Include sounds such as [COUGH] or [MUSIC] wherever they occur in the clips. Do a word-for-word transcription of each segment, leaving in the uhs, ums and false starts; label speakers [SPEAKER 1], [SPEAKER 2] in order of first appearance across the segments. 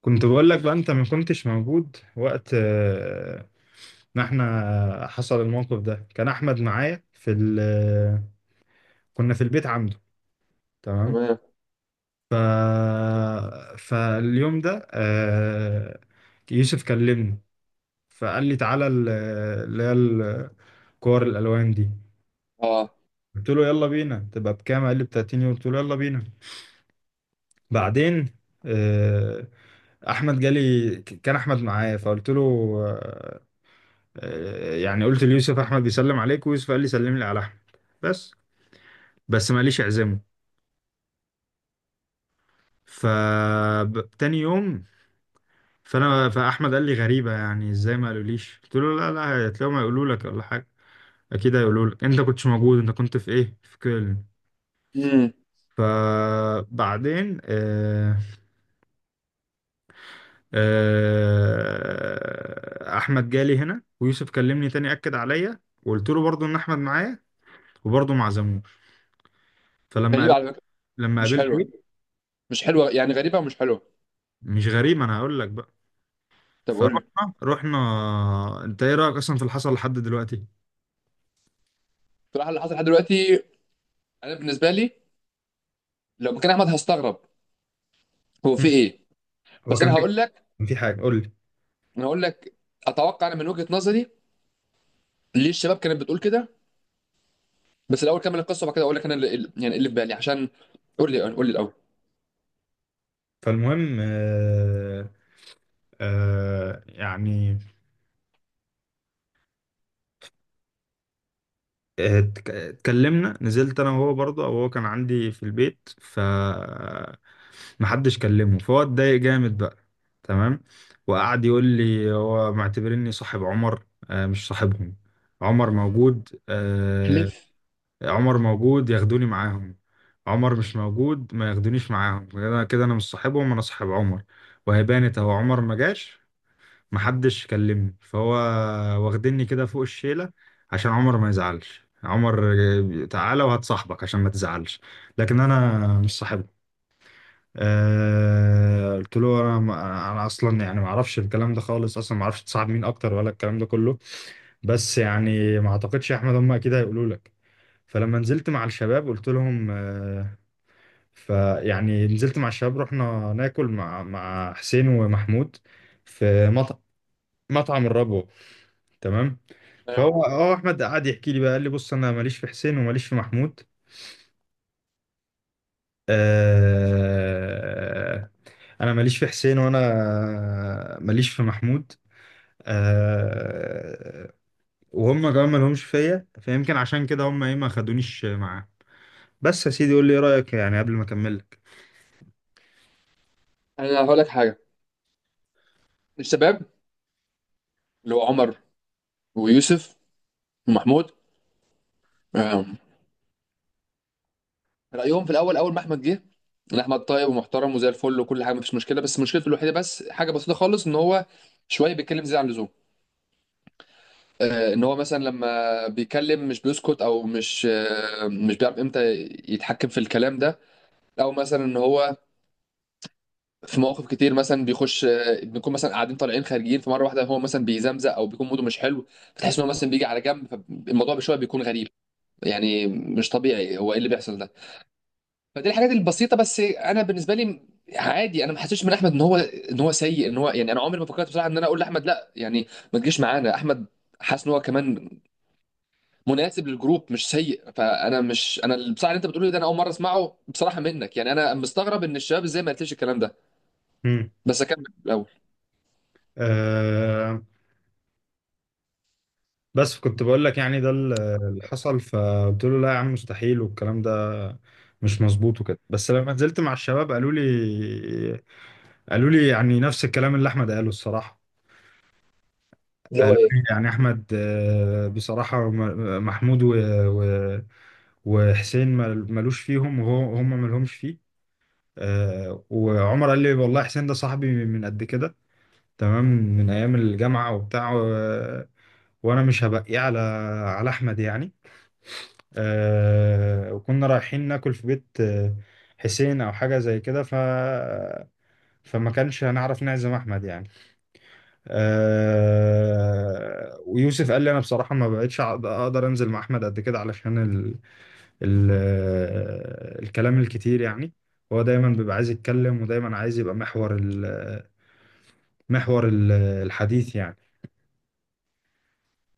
[SPEAKER 1] كنت بقول لك بقى انت ما كنتش موجود وقت آه، ما احنا حصل الموقف ده كان احمد معايا في ال... آه، كنا في البيت عنده. تمام.
[SPEAKER 2] تمام.
[SPEAKER 1] ف... فاليوم ده آه، يوسف كلمني، فقال لي تعالى ال- آه، اللي هي الكور الالوان دي.
[SPEAKER 2] اه.
[SPEAKER 1] قلت له يلا بينا، تبقى بكام؟ قال لي ب تلاتين يورو، قلت له يلا بينا. بعدين آه، احمد جالي، كان احمد معايا فقلت له آه، آه، يعني قلت ليوسف احمد بيسلم عليك، ويوسف قال لي سلم لي على احمد، بس بس ماليش اعزمه. ف ب- تاني يوم. فانا فاحمد قال لي غريبه، يعني ازاي ما قالوليش؟ قلت له لا لا، هتلاقيهم هيقولوا لك ولا حاجه. اكيد هيقولوا لك انت كنتش موجود، انت كنت في ايه، في كولن.
[SPEAKER 2] امم.
[SPEAKER 1] فبعدين آه آه احمد جالي هنا، ويوسف كلمني تاني، اكد عليا وقلت له برضو ان احمد معايا، وبرضه ما عزموه. فلما
[SPEAKER 2] غريبه
[SPEAKER 1] قابل-
[SPEAKER 2] على فكره،
[SPEAKER 1] لما
[SPEAKER 2] مش
[SPEAKER 1] قابلت
[SPEAKER 2] حلوه.
[SPEAKER 1] ايه،
[SPEAKER 2] مش حلوه يعني، غريبه ومش حلوه.
[SPEAKER 1] مش غريب، انا هقول لك بقى.
[SPEAKER 2] طب قول لي.
[SPEAKER 1] فرحنا رحنا انت ايه رايك اصلا في اللي حصل لحد دلوقتي؟
[SPEAKER 2] بصراحه اللي حصل لحد دلوقتي، انا بالنسبه لي لو مكان احمد هستغرب. هو في
[SPEAKER 1] مم.
[SPEAKER 2] ايه؟
[SPEAKER 1] هو
[SPEAKER 2] بس انا
[SPEAKER 1] كان في
[SPEAKER 2] هقول لك.
[SPEAKER 1] كان في حاجه قول لي.
[SPEAKER 2] انا هقول لك اتوقع انا من وجهه نظري ليه الشباب كانت بتقول كده، بس الاول كمل القصه وبعد كده اقول لك انا اللي اللي- يعني اللي في بالي، عشان قول لي. قول لي الاول.
[SPEAKER 1] فالمهم آه آه يعني آه، اتك- اتكلمنا، نزلت انا وهو، برضه او هو كان عندي في البيت، ف محدش كلمه فهو اتضايق جامد بقى. تمام. وقعد يقول لي هو معتبرني صاحب عمر، آه مش صاحبهم. عمر موجود آه،
[SPEAKER 2] لف.
[SPEAKER 1] عمر موجود ياخدوني معاهم، عمر مش موجود ما ياخدونيش معاهم، كده كده انا مش صاحبهم، انا صاحب عمر. وهي بانت اهو، عمر ما جاش محدش كلمني، فهو واخدني كده فوق الشيلة عشان عمر ما يزعلش. عمر آه، تعالى وهتصاحبك عشان ما تزعلش، لكن انا مش صاحبه. أه قلت له انا انا اصلا يعني ما اعرفش الكلام ده خالص، اصلا ما اعرفش تصاحب مين اكتر ولا الكلام ده كله، بس يعني ما اعتقدش يا احمد، هم اكيد هيقولوا لك. فلما نزلت مع الشباب قلت لهم آه، فيعني نزلت مع الشباب، رحنا ناكل مع مع حسين ومحمود في مط... مطعم الربو. تمام.
[SPEAKER 2] تمام.
[SPEAKER 1] فهو اه احمد قعد يحكي لي بقى، قال لي بص انا ماليش في حسين وماليش في محمود، آه... انا ماليش في حسين، وانا ماليش في محمود، آه... وهم كمان مالهمش فيا، فيمكن عشان كده هم ايه، ما خدونيش معاه. بس يا سيدي قول لي ايه رايك يعني قبل ما اكمل لك.
[SPEAKER 2] انا هقول لك حاجه. الشباب اللي هو عمر ويوسف ومحمود، رايهم في الاول، اول ما احمد جه، ان احمد طيب ومحترم وزي الفل وكل حاجه، مفيش مشكله، بس مشكلته الوحيده، بس حاجه بسيطه خالص، ان هو شويه بيتكلم زياده عن اللزوم. آه، ان هو مثلا لما بيتكلم مش بيسكت، او مش، آه، مش بيعرف امتى يتحكم في الكلام ده، او مثلا ان هو في مواقف كتير مثلا بيخش، آه، بنكون مثلا قاعدين طالعين خارجين، فمره واحده هو مثلا بيزمزق او بيكون موده مش حلو، فتحس ان هو مثلا بيجي على جنب، فالموضوع بشويه بيكون غريب يعني، مش طبيعي، هو ايه اللي بيحصل ده؟ فدي الحاجات البسيطه، بس انا بالنسبه لي عادي، انا ما حسيتش من احمد ان هو ان هو سيء، ان هو يعني، انا عمري ما فكرت بصراحه ان انا اقول لاحمد لا يعني ما تجيش معانا احمد. حاسس ان هو كمان مناسب للجروب، مش سيء، فانا مش انا اللي- بصراحه اللي انت بتقوله ده انا اول مره اسمعه بصراحه منك، يعني انا مستغرب ان الشباب ازاي ما قلتليش الكلام ده. بس اكمل الاول.
[SPEAKER 1] آه بس كنت بقول لك يعني ده ال- اللي حصل، فقلت له لا يا عم، مستحيل، والكلام ده مش مظبوط وكده. بس لما نزلت مع الشباب قالوا لي قالوا لي يعني نفس الكلام اللي احمد قاله الصراحة. قالوا لي يعني احمد آه، بصراحة م- محمود و- و- وحسين مل- ملوش فيهم، وهو هم ملهمش فيه. آه، وعمر قال لي والله حسين ده صاحبي من قد كده، تمام، من ايام الجامعة وبتاع، و- وانا مش هبقيه على على احمد يعني. آه، وكنا رايحين ناكل في بيت آه، حسين او حاجه زي كده، ف فما كانش هنعرف نعزم احمد يعني. آه، ويوسف قال لي انا بصراحه ما بقتش أع- اقدر انزل مع احمد قد كده، علشان ال... ال... آه، الكلام الكتير يعني. هو دايما بيبقى عايز يتكلم، ودايما عايز يبقى محور ال... محور ال- الحديث يعني،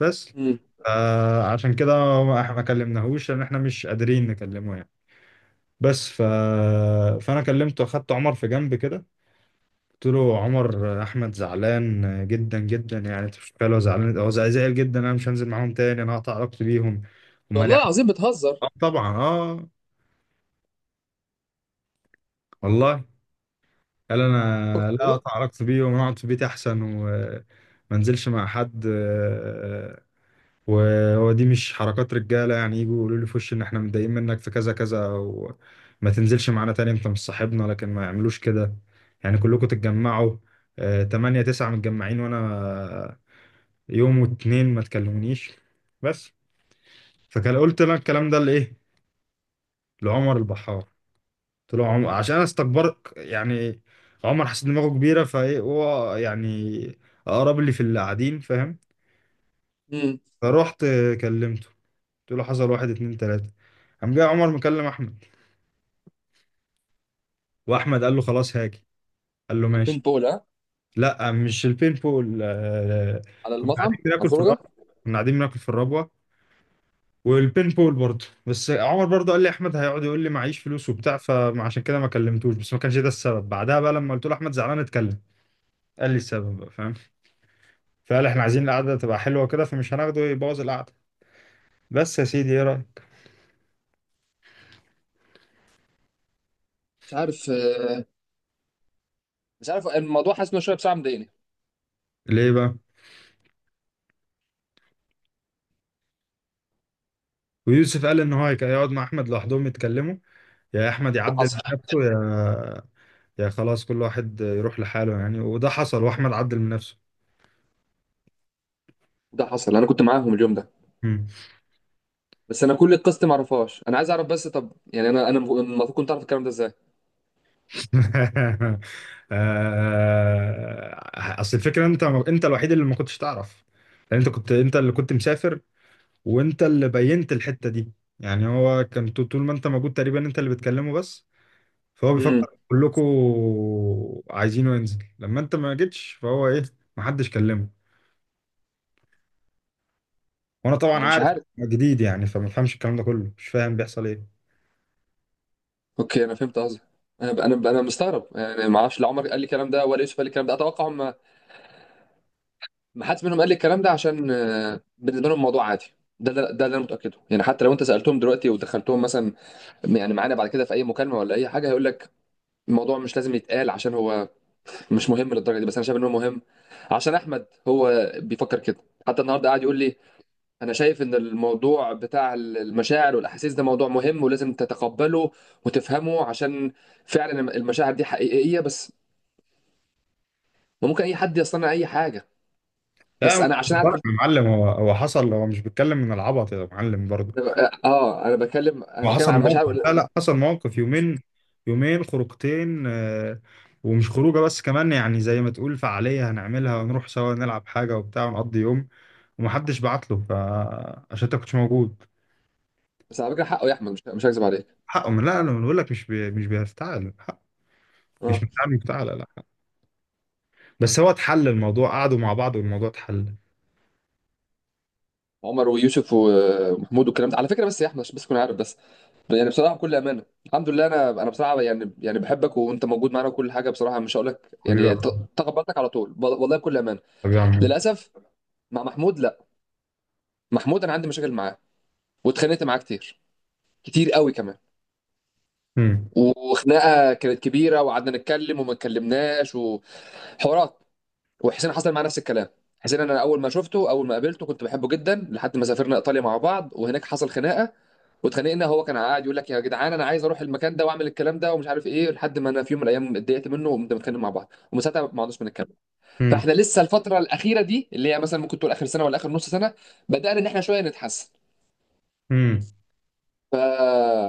[SPEAKER 1] بس.
[SPEAKER 2] امم.
[SPEAKER 1] آه، عشان كده ما ما كلمناهوش، لان احنا مش قادرين نكلمه يعني. بس ف... فانا كلمته، اخدت عمر في جنب كده، قلت له عمر احمد زعلان جدا جدا، يعني انت مش متخيل هو زعلان، هو زع- زعل جدا. انا مش هنزل معاهم تاني، انا هقطع علاقتي بيهم، هم
[SPEAKER 2] والله
[SPEAKER 1] ليه؟
[SPEAKER 2] العظيم بتهزر؟
[SPEAKER 1] اه طبعا، اه والله. قال انا
[SPEAKER 2] فكك من
[SPEAKER 1] لا، اقطع
[SPEAKER 2] ايه.
[SPEAKER 1] علاقتي بيهم، انا اقعد في بيتي احسن وما انزلش مع حد. وهو دي مش حركات رجاله يعني، يجوا يقولوا لي في وشي ان احنا متضايقين منك في كذا كذا، او ما تنزلش معانا تاني انت مش صاحبنا، لكن ما يعملوش كده، يعني كلكم تتجمعوا آه، تمانية تسعة متجمعين، وانا آه، يوم واتنين ما تكلمونيش، بس. فكان قلت لك الكلام ده لايه؟ لعمر البحار. قلت له عمر عشان انا استكبرت يعني؟ عمر حاسس دماغه كبيره؟ فايه هو يعني اقرب لي في اللي قاعدين، فاهم؟
[SPEAKER 2] امم.
[SPEAKER 1] فروحت كلمته، قلت له حصل واحد اتنين تلاتة، قام جاي عمر مكلم احمد، واحمد قال له خلاص هاجي، قال له
[SPEAKER 2] ألفين
[SPEAKER 1] ماشي.
[SPEAKER 2] بولا؟
[SPEAKER 1] لا مش البين بول، آه،
[SPEAKER 2] على
[SPEAKER 1] كنا
[SPEAKER 2] المطعم، على
[SPEAKER 1] قاعدين بناكل في
[SPEAKER 2] الخروجه.
[SPEAKER 1] الربوه. كنا قاعدين بناكل في الربوه والبين بول برضه، بس عمر برضه قال لي احمد هيقعد يقول لي معيش فلوس وبتاع، فعشان كده ما كلمتوش، بس ما كانش ده السبب. بعدها بقى لما قلت له احمد زعلان اتكلم، قال لي السبب بقى، فاهم؟ فقال احنا عايزين القعده تبقى حلوه كده، فمش هناخده يبوظ القعده. بس يا سيدي ايه رايك؟
[SPEAKER 2] مش عارف، آه، مش عارف الموضوع، حاسس انه شويه بصراحه مضايقني.
[SPEAKER 1] ليه بقى؟ ويوسف قال ان هو هيك- هيقعد مع احمد لوحدهم يتكلموا، يا احمد
[SPEAKER 2] ده
[SPEAKER 1] يعدل من
[SPEAKER 2] حصل.
[SPEAKER 1] نفسه، يا يا خلاص كل واحد يروح لحاله يعني. وده حصل، واحمد عدل من نفسه.
[SPEAKER 2] ده حصل، انا كنت معاهم اليوم ده،
[SPEAKER 1] مم.
[SPEAKER 2] بس انا كل القصه دي معرفهاش، انا عايز اعرف. بس طب يعني انا، انا المفروض كنت اعرف الكلام ده ازاي؟
[SPEAKER 1] [LAUGHS] آه، اصل الفكره، انت انت الوحيد اللي ما كنتش تعرف، لان انت كنت، انت اللي كنت مسافر، وانت اللي بينت الحته دي، يعني هو كان طو- طول ما انت موجود تقريبا انت اللي بتكلمه بس. فهو بيفكر
[SPEAKER 2] امم.
[SPEAKER 1] كلكم عايزينه ينزل، لما انت ما جيتش فهو ايه، ما حدش كلمه. وانا طبعا
[SPEAKER 2] انا مش
[SPEAKER 1] عارف
[SPEAKER 2] عارف.
[SPEAKER 1] جديد يعني، فما بفهمش الكلام ده كله، مش فاهم بيحصل ايه.
[SPEAKER 2] اوكي انا فهمت قصدك. انا انا انا مستغرب يعني، ما اعرفش، لا عمر قال لي الكلام ده ولا يوسف قال لي الكلام ده. اتوقع هم، ما حدش منهم قال لي الكلام ده، عشان آه، بالنسبه لهم الموضوع عادي. ده ده ده اللي انا متاكده يعني، حتى لو انت سالتهم دلوقتي ودخلتهم مثلا يعني معانا بعد كده في اي مكالمه ولا اي حاجه، هيقول لك الموضوع مش لازم يتقال، عشان هو مش مهم للدرجه دي، بس انا شايف ان هو مهم، عشان احمد هو بيفكر كده. حتى النهارده قاعد يقول لي، انا شايف ان الموضوع بتاع المشاعر والاحاسيس ده موضوع مهم ولازم تتقبله وتفهمه، عشان فعلا المشاعر دي حقيقية، بس ممكن اي حد يصنع اي حاجة. بس
[SPEAKER 1] لا مش
[SPEAKER 2] انا عشان
[SPEAKER 1] بتفرج
[SPEAKER 2] اعرف ال-
[SPEAKER 1] يا
[SPEAKER 2] أنا
[SPEAKER 1] معلم، هو هو حصل، هو مش بيتكلم من العبط يا معلم برضه.
[SPEAKER 2] ب- اه انا بتكلم، انا
[SPEAKER 1] هو
[SPEAKER 2] بتكلم
[SPEAKER 1] حصل
[SPEAKER 2] عن
[SPEAKER 1] موقف،
[SPEAKER 2] مشاعر.
[SPEAKER 1] لا لا، حصل موقف يومين، يومين خروجتين آه، ومش خروجه بس، كمان يعني زي ما تقول فعاليه هنعملها ونروح سوا نلعب حاجه وبتاع ونقضي يوم، ومحدش بعت له، فعشان انت كنتش موجود.
[SPEAKER 2] بس على فكره حقه يا احمد، مش مش هكذب عليك.
[SPEAKER 1] حقه، من؟ لا انا بقول لك، مش بي... مش بيفتعل حقه، مش
[SPEAKER 2] اه.
[SPEAKER 1] بتاع مفتعل لا. بس هو اتحل الموضوع، قعدوا مع بعض والموضوع اتحل.
[SPEAKER 2] عمر ويوسف و- ومحمود والكلام ده على فكره، بس يا احمد عشان بس تكون عارف بس، يعني بصراحه بكل امانه، الحمد لله، انا انا بصراحه يعني، يعني بحبك وانت موجود معانا وكل حاجه، بصراحه مش هقول لك
[SPEAKER 1] حبيبي يا
[SPEAKER 2] يعني ت-
[SPEAKER 1] عم-
[SPEAKER 2] تقبلتك على طول والله بكل امانه.
[SPEAKER 1] حبيبي يا عم.
[SPEAKER 2] للاسف مع محمود لا، محمود انا عندي مشاكل معاه، واتخانقت معاه كتير، كتير قوي كمان،
[SPEAKER 1] مم.
[SPEAKER 2] وخناقه كانت كبيره، وقعدنا نتكلم وما اتكلمناش، وحوارات. وحسين حصل معاه نفس الكلام. حسين انا اول ما شفته، اول ما قابلته كنت بحبه جدا، لحد ما سافرنا ايطاليا مع بعض وهناك حصل خناقه، واتخانقنا. هو كان قاعد يقول لك يا جدعان انا عايز اروح المكان ده واعمل الكلام ده ومش عارف ايه، لحد ما انا في يوم من الايام اتضايقت منه، وقمت متخانق مع بعض، ومن ساعتها ما عدناش بنتكلم.
[SPEAKER 1] مم.
[SPEAKER 2] فاحنا لسه الفتره الاخيره دي، اللي هي مثلا ممكن تقول اخر سنه ولا اخر نص سنه، بدانا ان احنا شويه نتحسن.
[SPEAKER 1] مم.
[SPEAKER 2] ف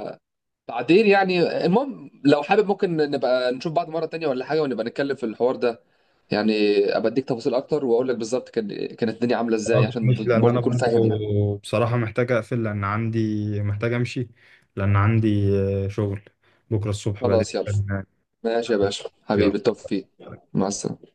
[SPEAKER 2] تعديل يعني. المهم لو حابب ممكن نبقى نشوف بعض مرة تانية ولا حاجة، ونبقى نتكلم في الحوار ده يعني، ابقى اديك تفاصيل اكتر واقول لك بالظبط كان، كانت الدنيا عاملة ازاي،
[SPEAKER 1] خلاص،
[SPEAKER 2] عشان
[SPEAKER 1] مش لان انا
[SPEAKER 2] برضه تكون فاهم يعني.
[SPEAKER 1] برضو بصراحه محتاج اقفل، لان عندي، محتاج امشي، لان عندي آه، شغل بكره الصبح بدري.
[SPEAKER 2] خلاص يلا، ماشي يا باشا حبيبي،
[SPEAKER 1] يا
[SPEAKER 2] بالتوفيق، مع السلامة.